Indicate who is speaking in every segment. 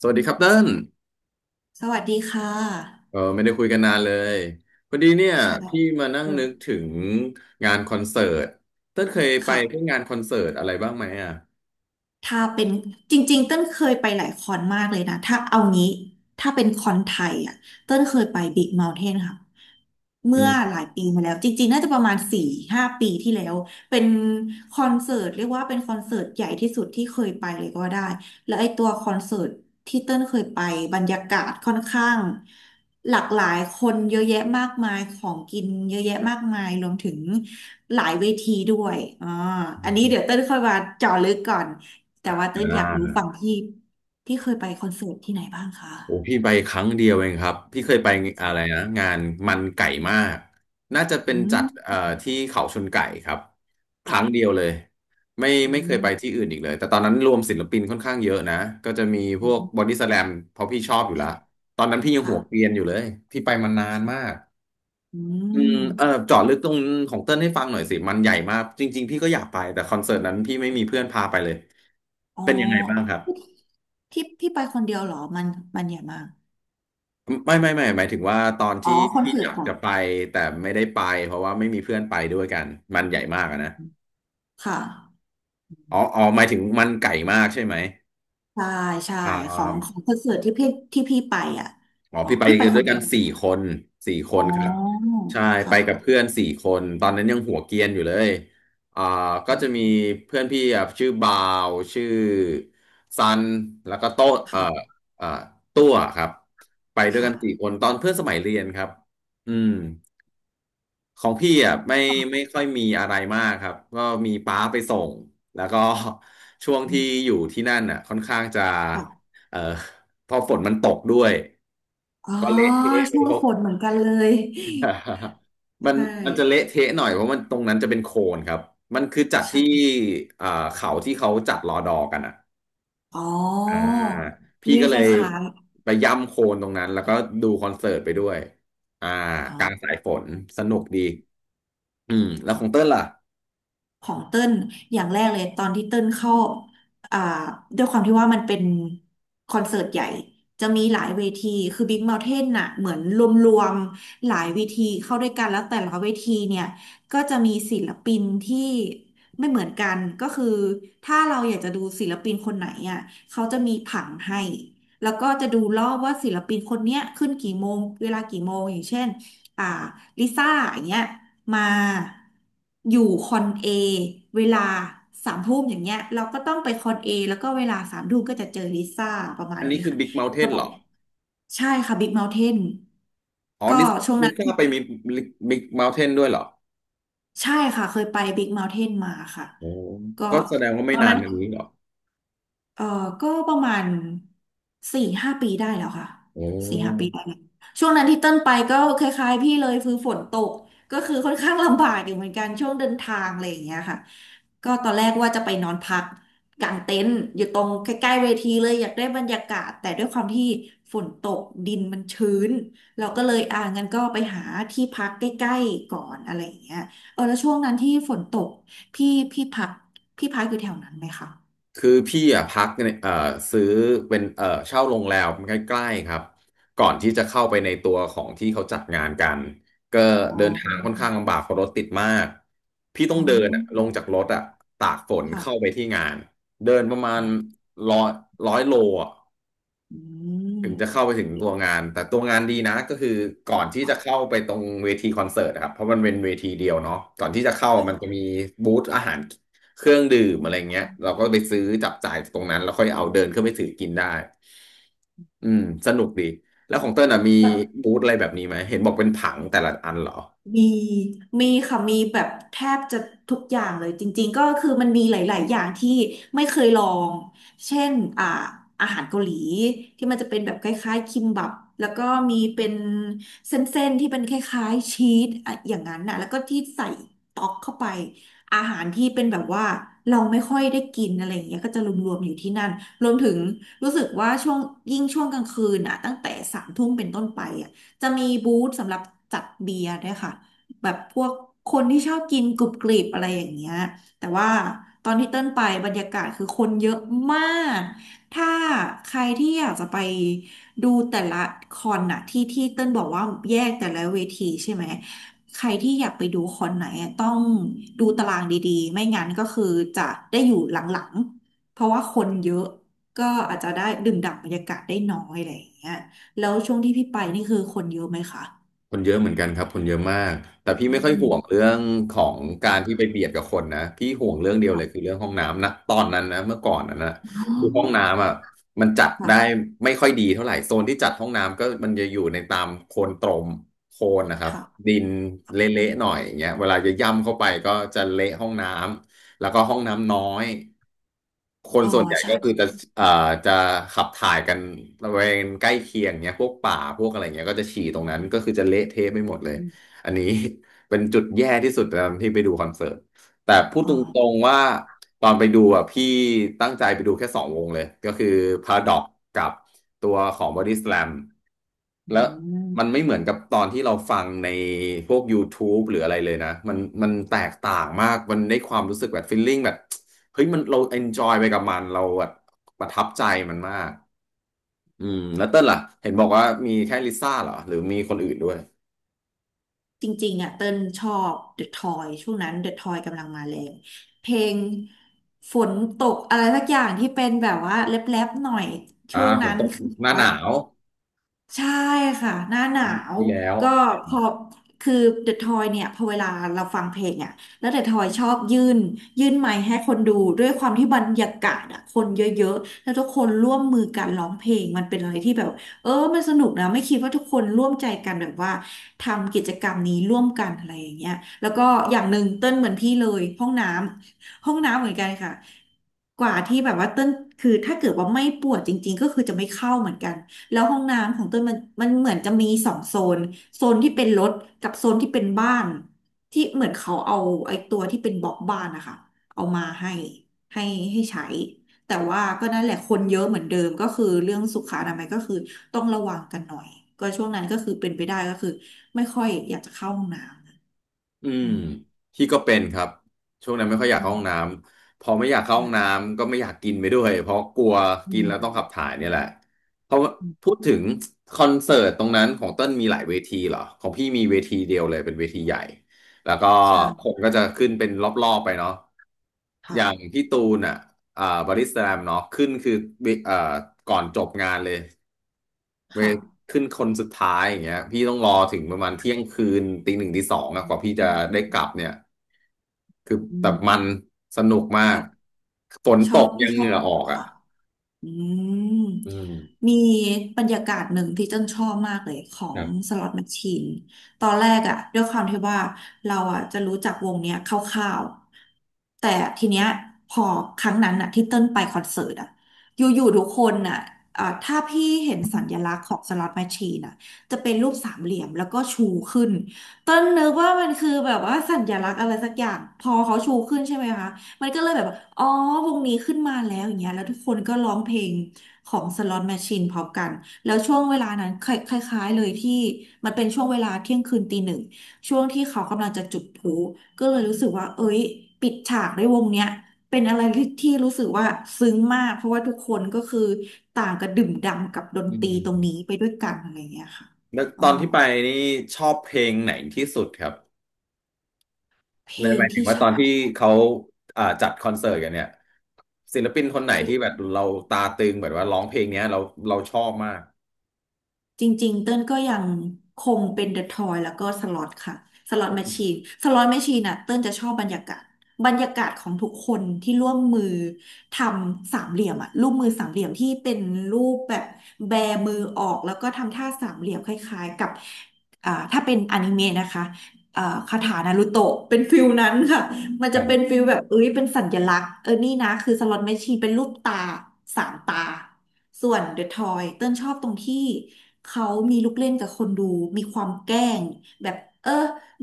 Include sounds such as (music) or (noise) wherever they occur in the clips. Speaker 1: สวัสดีครับเติ้ล
Speaker 2: สวัสดีค่ะ
Speaker 1: เออไม่ได้คุยกันนานเลยพอดีเนี่ย
Speaker 2: ใช่
Speaker 1: พี่มานั่ง
Speaker 2: อืม
Speaker 1: นึกถึงงานคอนเสิร์ตเติ้ลเคยไปพวก
Speaker 2: ค่ะ
Speaker 1: งานคอนเสิร์ตอะไรบ้างไหมอ่ะ
Speaker 2: ถ้าเป็นจริงๆเต้นเคยไปหลายคอนมากเลยนะถ้าเอางี้ถ้าเป็นคอนไทยอ่ะเต้นเคยไปบิ๊กเมา t ์เทนค่ะ
Speaker 1: อื
Speaker 2: เมื่อ
Speaker 1: ม
Speaker 2: หลายปีมาแล้วจริงๆน่าจะประมาณสี่ห้าปีที่แล้วเป็นคอนเสิร์ตเรียกว่าเป็นคอนเสิร์ตใหญ่ที่สุดที่เคยไปเลยก็ว่าได้แล้วไอ้ตัวคอนเสิร์ต ที่เติ้ลเคยไปบรรยากาศค่อนข้างหลากหลายคนเยอะแยะมากมายของกินเยอะแยะมากมายรวมถึงหลายเวทีด้วยอันนี้เดี๋ยวเติ้ลค่อยมาเจาะลึกก่อนแต่ว่า
Speaker 1: อ่
Speaker 2: เติ้ลอยากรู้ฝั่ง
Speaker 1: า
Speaker 2: ที่ที่เคยไปคอนเสิร์ตที่ไหนบ้างคะ
Speaker 1: โอ้พี่ไปครั้งเดียวเองครับพี่เคยไปอะไรนะ
Speaker 2: ค่ะ
Speaker 1: งานมันไก่มากน่าจะเป็
Speaker 2: อื
Speaker 1: นจัด
Speaker 2: ม
Speaker 1: ที่เขาชนไก่ครับครั้งเดี
Speaker 2: ค่ะ
Speaker 1: ยวเลยไม่
Speaker 2: อื
Speaker 1: ไม่เคย
Speaker 2: ม
Speaker 1: ไปที่อื่นอีกเลยแต่ตอนนั้นรวมศิลปินค่อนข้างเยอะนะก็จะมีพ
Speaker 2: อื
Speaker 1: วกบอ
Speaker 2: ม
Speaker 1: ดี้สแลมเพราะพี่ชอบอยู่แล้ว
Speaker 2: ค่ะ
Speaker 1: ตอนนั้นพี่ยัง
Speaker 2: ค่ะ
Speaker 1: หัวเกรียนอยู่เลยพี่ไปมานานมา
Speaker 2: ค่ะ
Speaker 1: ก
Speaker 2: อืม
Speaker 1: เออเจาะลึกตรงของเติ้ลให้ฟังหน่อยสิมันใหญ่มากจริงๆพี่ก็อยากไปแต่คอนเสิร์ตนั้นพี่ไม่มีเพื่อนพาไปเลย
Speaker 2: อ๋อ
Speaker 1: เป็นยังไงบ้างครับ
Speaker 2: ที่ไปคนเดียวเหรอมันใหญ่มาก
Speaker 1: ไม่หมายถึงว่าตอน
Speaker 2: อ๋อ
Speaker 1: ที่
Speaker 2: คอน
Speaker 1: พี่
Speaker 2: เสิ
Speaker 1: อ
Speaker 2: ร์ต
Speaker 1: ยาก
Speaker 2: ค่ะ
Speaker 1: จะไปแต่ไม่ได้ไปเพราะว่าไม่มีเพื่อนไปด้วยกันมันใหญ่มากอะนะ
Speaker 2: ค่ะ
Speaker 1: อ๋ออ๋อหมายถึงมันไก่มากใช่ไหม
Speaker 2: ใช่ใช่
Speaker 1: อ่า
Speaker 2: ของคอนเสิร์ตที่พี่ไปอ่ะ
Speaker 1: อ๋อ
Speaker 2: อ๋อ
Speaker 1: พี่ไป
Speaker 2: พี่ไป
Speaker 1: กัน
Speaker 2: ค
Speaker 1: ด้วย
Speaker 2: น
Speaker 1: กั
Speaker 2: เดี
Speaker 1: น
Speaker 2: ยว
Speaker 1: สี่คนสี่ค
Speaker 2: อ๋
Speaker 1: นครับ
Speaker 2: อ
Speaker 1: ใช่ไป
Speaker 2: ค่ะ
Speaker 1: กับเพื่อนสี่คนตอนนั้นยังหัวเกรียนอยู่เลยอ่าก็
Speaker 2: อื
Speaker 1: จะมี
Speaker 2: ม
Speaker 1: เพื่อนพี่อ่ะชื่อบาวชื่อซันแล้วก็โต้เอ่อ
Speaker 2: ค่ะ
Speaker 1: เอ่อตัวครับไปด้วยกันสี่ค
Speaker 2: ค่ะ
Speaker 1: นตอนเพื่อนสมัยเรียนครับอืม ของพี่อ่ะไม่ค่อยมีอะไรมากครับก็มีป้าไปส่งแล้วก็ (laughs) ช่วง
Speaker 2: อื
Speaker 1: ที่
Speaker 2: ม
Speaker 1: อยู่ที่นั่นอ่ะค่อนข้างจะ
Speaker 2: ค่ะ
Speaker 1: เอ่อพอฝนมันตกด้วย
Speaker 2: อ๋อ
Speaker 1: ก็เละเทะเล
Speaker 2: ช่
Speaker 1: ย
Speaker 2: วง
Speaker 1: ครับ
Speaker 2: ฝนเหมือนกันเลย
Speaker 1: (laughs) มัน
Speaker 2: ใช่
Speaker 1: มันจะเละเทะหน่อยเพราะมันตรงนั้นจะเป็นโคลนครับมันคือจัด
Speaker 2: ใช่
Speaker 1: ที่เอ่อเขาที่เขาจัดรอดอกันอ่ะ
Speaker 2: อ๋อ
Speaker 1: อ่าพี่
Speaker 2: นี่
Speaker 1: ก็
Speaker 2: ค
Speaker 1: เลย
Speaker 2: ล้าย
Speaker 1: ไปย่ำโคลนตรงนั้นแล้วก็ดูคอนเสิร์ตไปด้วยอ่า
Speaker 2: ๆอ๋อ
Speaker 1: กลางสายฝนสนุกดีอืมแล้วของเต้นล่ะ
Speaker 2: ของเติ้ลอย่างแรกเลยตอนที่เติ้ลเข้าอ่าด้วยความที่ว่ามันเป็นคอนเสิร์ตใหญ่จะมีหลายเวทีคือ Big Mountain น่ะเหมือนรวมๆหลายเวทีเข้าด้วยกันแล้วแต่ละเวทีเนี่ยก็จะมีศิลปินที่ไม่เหมือนกันก็คือถ้าเราอยากจะดูศิลปินคนไหนอ่ะเขาจะมีผังให้แล้วก็จะดูรอบว่าศิลปินคนเนี้ยขึ้นกี่โมงเวลากี่โมงอย่างเช่น อ่าลิซ่าอย่างเงี้ยมาอยู่คอนเอเวลาสามทุ่มอย่างเงี้ยเราก็ต้องไปคอนเอแล้วก็เวลาสามทุ่มก็จะเจอลิซ่าประมา
Speaker 1: อั
Speaker 2: ณ
Speaker 1: นนี้
Speaker 2: นี้
Speaker 1: คือ
Speaker 2: ค่ะ
Speaker 1: บิ๊กเม n t ์เท
Speaker 2: ระ
Speaker 1: น
Speaker 2: บ
Speaker 1: เหร
Speaker 2: บ
Speaker 1: อ
Speaker 2: ใช่ค่ะบิ๊กเมาน์เทน
Speaker 1: อ๋อ
Speaker 2: ก็
Speaker 1: ดิส
Speaker 2: ช่วง
Speaker 1: ดิ
Speaker 2: นั้
Speaker 1: ส
Speaker 2: น
Speaker 1: ก้าไปมีบิ๊กเม n t ์เทนด้วยเหรอ
Speaker 2: ใช่ค่ะเคยไปบิ๊กเมาน์เทนมาค่ะ
Speaker 1: โอ้
Speaker 2: ก็
Speaker 1: ก็แสดงว่า
Speaker 2: ต
Speaker 1: ไม่
Speaker 2: อน
Speaker 1: นาน
Speaker 2: นั้น
Speaker 1: มานี้เหรอ
Speaker 2: เออก็ประมาณสี่ห้าปีได้แล้วค่ะ
Speaker 1: โอ้
Speaker 2: สี่ห้าปีได้แล้วช่วงนั้นที่เต้นไปก็คล้ายๆพี่เลยคือฝนตกก็คือค่อนข้างลำบากอยู่เหมือนกันช่วงเดินทางอะไรอย่างเงี้ยค่ะก็ตอนแรกว่าจะไปนอนพักกางเต็นท์อยู่ตรงใกล้ๆเวทีเลยอยากได้บรรยากาศแต่ด้วยความที่ฝนตกดินมันชื้นเราก็เลยอ่างั้นก็ไปหาที่พักใกล้ๆก่อนอะไรอย่างเงี้ยเออแล้วช่วงนั้นที่ฝนตกพี่พี่พี่พักอยู่แถวนั้นไหมคะ
Speaker 1: คือพี่อ่ะพักเนี่ยซื้อเป็นเช่าโรงแรมใกล้ๆครับ ก่อนที่จะเข้าไปในตัวของที่เขาจัดงานกันก็
Speaker 2: อ๋อ
Speaker 1: เดินทางค่อนข้างลำบากเพราะรถติดมาก พี่ต้อ
Speaker 2: อ๋
Speaker 1: ง
Speaker 2: อ
Speaker 1: เดินอะลงจากรถอ่ะตากฝน
Speaker 2: ค่ะ
Speaker 1: เข้าไปที่งานเดินประมาณร้อยร้อยโลอ่ะ
Speaker 2: อื
Speaker 1: ถึงจะเข้า
Speaker 2: ม
Speaker 1: ไปถึงตัวงานแต่ตัวงานดีนะก็คือก่อนที่จะเข้าไปตรงเวทีคอนเสิร์ตนะครับเพราะมันเป็นเวทีเดียวเนาะก่อนที่จะเข้ามันจะมี
Speaker 2: ค
Speaker 1: บูธอาหารเครื่องดื่มอะไรเงี้ยเราก็ไปซื้อจับจ่ายตรงนั้นแล้วค่อยเอาเดินขึ้นไปถือกินได้อืมสนุกดีแล้วของเต้ลอ่ะมี
Speaker 2: ่ะ
Speaker 1: บูธอะไรแบบนี้ไหมเห็นบอกเป็นผังแต่ละอันเหรอ
Speaker 2: มีมีค่ะมีแบบแทบจะทุกอย่างเลยจริงๆก็คือมันมีหลายๆอย่างที่ไม่เคยลอง เช่นอ่าอาหารเกาหลีที่มันจะเป็นแบบคล้ายๆคิมบับแล้วก็มีเป็นเส้นๆที่เป็นคล้ายๆชีสอะอย่างนั้นน่ะแล้วก็ที่ใส่ต๊อกเข้าไปอาหารที่เป็นแบบว่าเราไม่ค่อยได้กินอะไรอย่างเงี้ยก็จะรวมๆอยู่ที่นั่นรวมถึงรู้สึกว่าช่วงยิ่งช่วงกลางคืนอ่ะตั้งแต่สามทุ่มเป็นต้นไปอ่ะ จะมีบูธสำหรับจัดเบียร์ด้วยค่ะแบบพวกคนที่ชอบกินกรุบกริบอะไรอย่างเงี้ยแต่ว่าตอนที่เติ้ลไปบรรยากาศคือคนเยอะมากถ้าใครที่อยากจะไปดูแต่ละคอนน่ะที่ที่เติ้ลบอกว่าแยกแต่ละเวทีใช่ไหมใครที่อยากไปดูคอนไหนอะต้องดูตารางดีๆไม่งั้นก็คือจะได้อยู่หลังๆเพราะว่าคนเยอะก็อาจจะได้ดื่มด่ำบรรยากาศได้น้อยอะไรอย่างเงี้ย แล้วช่วงที่พี่ไปนี่คือคนเยอะไหมคะ
Speaker 1: คนเยอะเหมือนกันครับคนเยอะมากแต่พี่
Speaker 2: อื
Speaker 1: ไม่ค่อย
Speaker 2: ม
Speaker 1: ห่วงเรื่องของการที่
Speaker 2: ค่ะ
Speaker 1: ไปเบียดกับคนนะพี่ห่วงเรื่องเดียวเลยคือ
Speaker 2: ค่ะ
Speaker 1: เรื่องห้องน้ำนะตอนนั้นนะเมื่อก่อนนั้นนะ
Speaker 2: อ๋
Speaker 1: คือห้อง
Speaker 2: อ
Speaker 1: น้ำอ่ะมันจัดได้
Speaker 2: ค่ะ
Speaker 1: ไม่ค่อยดีเท่าไหร่โซนที่จัดห้องน้ำก็มันจะอยู่ในตามโคลนตรมโคลนนะครับดิ
Speaker 2: ค่ะ
Speaker 1: นเละๆหน่อยอย่างเงี้ยเวลาจะย่ำเข้าไปก็จะเละห้องน้ำแล้วก็ห้องน้ำน้อย คน
Speaker 2: อ๋อ
Speaker 1: ส่วนใหญ่
Speaker 2: ใช่
Speaker 1: ก็คือจะเอ่อจะขับถ่ายกันบริเวณใกล้เคียงเนี้ยพวกป่า พวกอะไรเงี้ยก็จะฉี่ตรงนั้น ก็คือจะเละเทะไปหมดเลย อันนี้ (laughs) เป็นจุดแย่ที่สุดตอนที่ไปดูคอนเสิร์ต แต่พูด
Speaker 2: อ๋อ
Speaker 1: ตรงๆว่าตอนไปดูอ่ะพี่ตั้งใจไปดูแค่2 วงเลย ก็คือ Paradox กับตัวของ Body Slam
Speaker 2: อื
Speaker 1: แล้วมันไม่
Speaker 2: ม
Speaker 1: เหมือนกับตอนที่เราฟังในพวก YouTube หรืออะไรเลยนะ มันแตกต่างมาก มันได้ความรู้สึกแบบฟีลลิ่งแบบ เฮ้ยมันเราเอนจอยไปกับมันเราแบบประทับใจมันมากอืมแล้วเต้นล่ะเห็นบอกว่ามีแค่ลิซ่าเหรอหรือมีคนอื่นด้วย
Speaker 2: จริงๆอ่ะเติ้ลชอบ The Toy ช่วงนั้น The Toy กำลังมาแรงเพลงฝนตกอะไรสักอย่างที่เป็นแบบว่าแรปๆหน่อย
Speaker 1: อ่า
Speaker 2: ช่วง
Speaker 1: ฝ
Speaker 2: นั้
Speaker 1: น
Speaker 2: น
Speaker 1: ตก
Speaker 2: คือแบ
Speaker 1: ห
Speaker 2: บ
Speaker 1: น้าห
Speaker 2: ว่า
Speaker 1: นาว
Speaker 2: ใช่ค่ะหน้าหนาว
Speaker 1: ที่แล้ว
Speaker 2: ก็พอคือเดอะทอยเนี่ยพอเวลาเราฟังเพลงอ่ะแล้วเดอะทอยชอบยื่นไมค์ให้คนดูด้วยความที่บรรยากาศอ่ะคนเยอะๆแล้วทุกคนร่วมมือกันร้องเพลงมันเป็นอะไรที่แบบเออมันสนุกนะไม่คิดว่าทุกคนร่วมใจกันแบบว่าทำกิจกรรมนี้ร่วมกันอะไรอย่างเงี้ยแล้วก็อย่างหนึ่งเต้นเหมือนพี่เลยห้องน้ำเหมือนกันค่ะกว่าที่แบบว่าเต้นคือถ้าเกิดว่าไม่ปวดจริงๆก็คือจะไม่เข้าเหมือนกัน แล้วห้องน้ำของเต้ยมันเหมือนจะมีสองโซนโซนที่เป็นรถกับโซนที่เป็นบ้านที่เหมือนเขาเอาไอ้ตัวที่เป็นบล็อกบ้านนะคะเอามาให้ให้ใช้แต่ว่าก็นั่นแหละคนเยอะเหมือนเดิมก็คือเรื่องสุขอนามัยก็คือต้องระวังกันหน่อยก็ช่วงนั้นก็คือเป็นไปได้ก็คือไม่ค่อยอยากจะเข้าห้องน้
Speaker 1: อื
Speaker 2: ำ
Speaker 1: ม
Speaker 2: อืม
Speaker 1: พี่ก็เป็นครับช่วงนั้นไม่ค่อยอยาก
Speaker 2: อื
Speaker 1: เข้า
Speaker 2: ม
Speaker 1: ห้องน้ำพอไม่อยากเข้าห้อง
Speaker 2: ใช่
Speaker 1: น้ำก็ไม่อยากกินไปด้วยเพราะกลัว
Speaker 2: อื
Speaker 1: กินแล้วต้อง
Speaker 2: ม
Speaker 1: ขับถ่ายเนี่ยแหละเพราะว่า
Speaker 2: อืม
Speaker 1: พูดถึงคอนเสิร์ตตรงนั้นของเต้นมีหลายเวทีเหรอของพี่มีเวทีเดียวเลยเป็นเวทีใหญ่แล้วก็
Speaker 2: ใช่
Speaker 1: คนก็จะขึ้นเป็นรอบๆไปเนาะอ
Speaker 2: ค่ะ
Speaker 1: ย่างพี่ตูนอ่ะอ่าบอดี้สแลมเนาะขึ้นคือเอ่าก่อนจบงานเลย เว
Speaker 2: ค่ะ
Speaker 1: ขึ้นคนสุดท้ายอย่างเงี้ยพี่ต้องรอถึงประมาณเที่ยงคืนตีหนึ่งตีสองอะ
Speaker 2: อื
Speaker 1: ก
Speaker 2: ม
Speaker 1: ว่าพี่จะ
Speaker 2: อื
Speaker 1: ได้
Speaker 2: ม
Speaker 1: กลับเนี่ยคือแต่มัน
Speaker 2: อ
Speaker 1: สนุกมาก
Speaker 2: ค่ะ
Speaker 1: ฝน
Speaker 2: ช
Speaker 1: ต
Speaker 2: อบ
Speaker 1: กยั
Speaker 2: ที่
Speaker 1: ง
Speaker 2: ช
Speaker 1: เห
Speaker 2: อ
Speaker 1: งื่
Speaker 2: บ
Speaker 1: อออกอ่ะ
Speaker 2: ค่ะ อืม
Speaker 1: อืม
Speaker 2: มีบรรยากาศหนึ่งที่เจ้นชอบมากเลยขอ
Speaker 1: ค
Speaker 2: ง
Speaker 1: รั
Speaker 2: ส
Speaker 1: บ
Speaker 2: ล็อตแมชชีนตอนแรกอะด้วยความที่ว่าเราอะจะรู้จักวงเนี้ยคร่าวๆแต่ทีเนี้ยพอครั้งนั้นอะที่เต้นไปคอนเสิร์ตอะอยู่ๆทุกคนอะถ้าพี่เห็นสัญลักษณ์ของสล็อตแมชชีนอะจะเป็นรูปสามเหลี่ยมแล้วก็ชูขึ้นเต้นนึกว่ามันคือแบบว่าสัญลักษณ์อะไรสักอย่างพอเขาชูขึ้นใช่ไหมคะ มันก็เลยแบบว่าอ๋อวงนี้ขึ้นมาแล้วอย่างเงี้ยแล้วทุกคนก็ร้องเพลงของ Slot Machine พร้อมกันแล้วช่วงเวลานั้นคล้ายๆเลยที่มันเป็นช่วงเวลาเที่ยงคืนตีหนึ่งช่วงที่เขากำลังจะจุดพลุก็เลยรู้สึกว่าเอ้ยปิดฉากด้วยวงเนี้ยเป็นอะไรที่รู้สึกว่าซึ้งมากเพราะว่าทุกคนก็คือต่างกระดื่มด่ำกับดน
Speaker 1: อื
Speaker 2: ตรีตรงนี้
Speaker 1: ม
Speaker 2: ไปด้วยกันอะไรอย่างเงี้ยค่ะ
Speaker 1: แล้วต
Speaker 2: อ๋อ
Speaker 1: อนที่ไปนี่ชอบเพลงไหนที่สุดครับ
Speaker 2: เพล
Speaker 1: ในห
Speaker 2: ง
Speaker 1: มายถึง
Speaker 2: ที่
Speaker 1: ว่า
Speaker 2: ช
Speaker 1: ต
Speaker 2: อ
Speaker 1: อน
Speaker 2: บ
Speaker 1: ที่เขาจัดคอนเสิร์ตกันเนี่ยศิลปินคนไหนที่แบบเราตาตึงแบบว่าร้องเพลงเนี้ยเราชอบมาก
Speaker 2: จริงๆ เต้นก็ยังคงเป็นเดอะทอยแล้วก็สล็อตค่ะสล็อตแมชชีนสล็อตแมชชีนน่ะเต้นจะชอบบรรยากาศ บรรยากาศของทุกคนที่ร่วมมือทำสามเหลี่ยมอะรูปมือสามเหลี่ยมที่เป็นรูปแบบแบมือออกแล้วก็ทำท่าสามเหลี่ยมคล้ายๆกับถ้าเป็นอนิเมะนะคะคาถานารูโตะเป็นฟิลนั้นค่ะมัน
Speaker 1: ค
Speaker 2: จะ
Speaker 1: รั
Speaker 2: เป็น
Speaker 1: บ
Speaker 2: ฟิลแบบเอ้ยเป็นสัญลักษณ์เออนี่นะคือสล็อตแมชชีนเป็นรูปตาสามตา ส่วนเดอะทอยเติ้ลชอบตรงที่เขามีลูกเล่นกับคนดูมีความแกล้งแบบเออ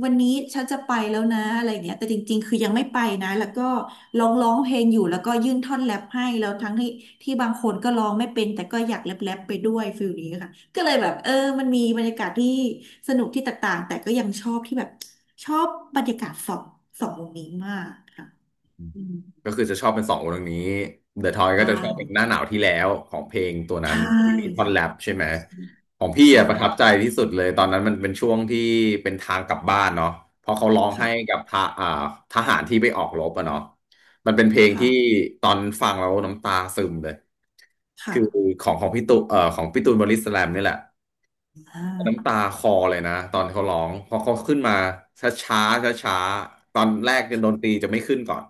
Speaker 2: วันนี้ฉันจะไปแล้วนะอะไรเงี้ยแต่จริงๆคือยังไม่ไปนะแล้วก็ร้องเพลงอยู่แล้วก็ยื่นท่อนแรปให้แล้วทั้งที่บางคนก็ร้องไม่เป็นแต่ก็อยากแรปไปด้วยฟิลนี้ค่ะก็เลยแบบมันมีบรรยากาศที่สนุกที่แตกต่างแต่ก็ยังชอบที่แบบชอบบรรยากาศสองวงนี้มากค่ะอืม
Speaker 1: ก็คือจะชอบเป็นสองวงนี้ The Toy
Speaker 2: ใช
Speaker 1: ก็จะชอบเป็น
Speaker 2: ่
Speaker 1: หน้าหนาวที่แล้วของเพลงตัวนั้
Speaker 2: ใช่
Speaker 1: นที่มีท่อนแรป
Speaker 2: ค่ะ
Speaker 1: ใช่ไหมของพี่
Speaker 2: ใช่
Speaker 1: อะประทับใจที่สุดเลยตอนนั้นมันเป็นช่วงที่เป็นทางกลับบ้านเนาะเพราะเขาร้องให้
Speaker 2: ค่ะ
Speaker 1: กับทหาทหารที่ไปออกรบอะเนาะมันเป็นเพลงที่
Speaker 2: ค่ะ
Speaker 1: ตอนฟังแล้วน้ำตาซึมเลยคือ
Speaker 2: ค่ะ
Speaker 1: ของพี่ตูของพี่ตูนบอดี้สแลมนี่แหละ
Speaker 2: อ่
Speaker 1: น้ำ
Speaker 2: า
Speaker 1: ตาคลอเลยนะตอนเขาร้องเพอเขาขึ้นมาช้าช้าช้าช้าๆตอนแรกเนี่ยดนตรีจะไม่ขึ้นก่อน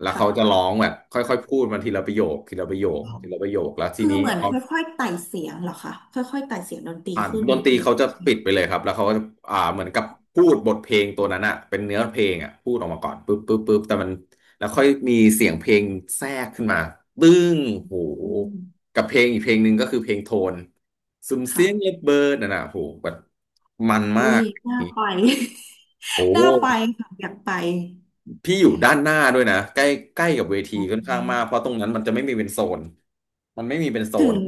Speaker 1: แล้ว
Speaker 2: ค่ะ
Speaker 1: เขาจะร้องแบบค่อยๆพูดมาทีละประโยคทีละประโยค
Speaker 2: ครับ
Speaker 1: ทีละประโยคแล้วที
Speaker 2: คือ
Speaker 1: นี้
Speaker 2: เหมือน
Speaker 1: พอ
Speaker 2: ค่อยๆไต่เสียงเหรอคะ ค่อยๆไต่เสียงดนตรี
Speaker 1: อ่าน
Speaker 2: ขึ้น
Speaker 1: ดนตรี
Speaker 2: ทีละ
Speaker 1: เขาจะ
Speaker 2: ใช่ไหม
Speaker 1: ปิดไปเลยครับแล้วเขาก็จะเหมือนกับพูดบทเพลงตัวนั้นอะเป็นเนื้อเพลงอะพูดออกมาก่อนปึ๊บปึ๊บปึ๊บแต่มันแล้วค่อยมีเสียงเพลงแทรกขึ้นมาตึ้งโห
Speaker 2: อืม
Speaker 1: กับเพลงอีกเพลงหนึ่งก็คือเพลงโทนซุมเสียงเล็บ
Speaker 2: ค่ะ
Speaker 1: เบิร์ดน่ะนะโหแบบมันมา
Speaker 2: อุ้ย
Speaker 1: ก
Speaker 2: น่าไป
Speaker 1: โอ
Speaker 2: (laughs)
Speaker 1: ้
Speaker 2: น่าไปค่ะ อยากไป
Speaker 1: พี่อยู่ด้านหน้าด้วยนะใกล้ใกล้กับเวที
Speaker 2: อื
Speaker 1: ค่อนข้างมากเพ
Speaker 2: ม
Speaker 1: ราะตรงนั้นมันจะไม่มีเป็นโซนมันไม่มีเป็นโซ
Speaker 2: ถึ
Speaker 1: น
Speaker 2: ง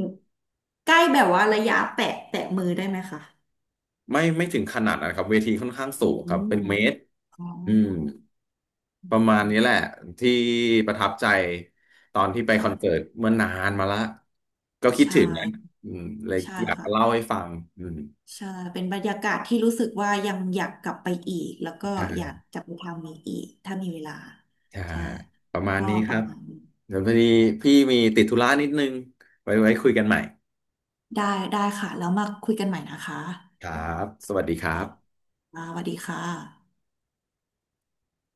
Speaker 2: ใกล้แบบว่าระยะแตะมือได้ไหมคะ
Speaker 1: ไม่ถึงขนาดนะครับเวทีค่อนข้างสูง
Speaker 2: อื
Speaker 1: ครับเป็
Speaker 2: ม
Speaker 1: นเมตร
Speaker 2: อ๋อ
Speaker 1: อืม
Speaker 2: อ
Speaker 1: ประมาณ
Speaker 2: ื
Speaker 1: นี้แห
Speaker 2: ม
Speaker 1: ละที่ประทับใจตอนที่ไปคอนเสิร์ต
Speaker 2: ค่ะ
Speaker 1: เมื่อนานมาละก็คิด
Speaker 2: ใช่
Speaker 1: ถึงนะอืมเลย
Speaker 2: ใช่
Speaker 1: อยาก
Speaker 2: ค่ะ
Speaker 1: มาเล่าให้ฟังอืม
Speaker 2: ใช่ เป็นบรรยากาศที่รู้สึกว่ายังอยากกลับไปอีก แล้วก็อยาก
Speaker 1: ใช่
Speaker 2: จะไปทำอีกถ้ามีเวลา
Speaker 1: ใช่
Speaker 2: ใช่
Speaker 1: ประมาณ
Speaker 2: ก็
Speaker 1: นี้
Speaker 2: ป
Speaker 1: ค
Speaker 2: ระ
Speaker 1: รับ
Speaker 2: มาณนี้
Speaker 1: เดี๋ยวพอดีพี่มีติดธุระนิดนึงไว้คุยกันใหม่
Speaker 2: ได้ค่ะ แล้วมาคุยกันใหม่นะคะ
Speaker 1: ครับสวัสดีครับ
Speaker 2: อ่าสวัสดีค่ะ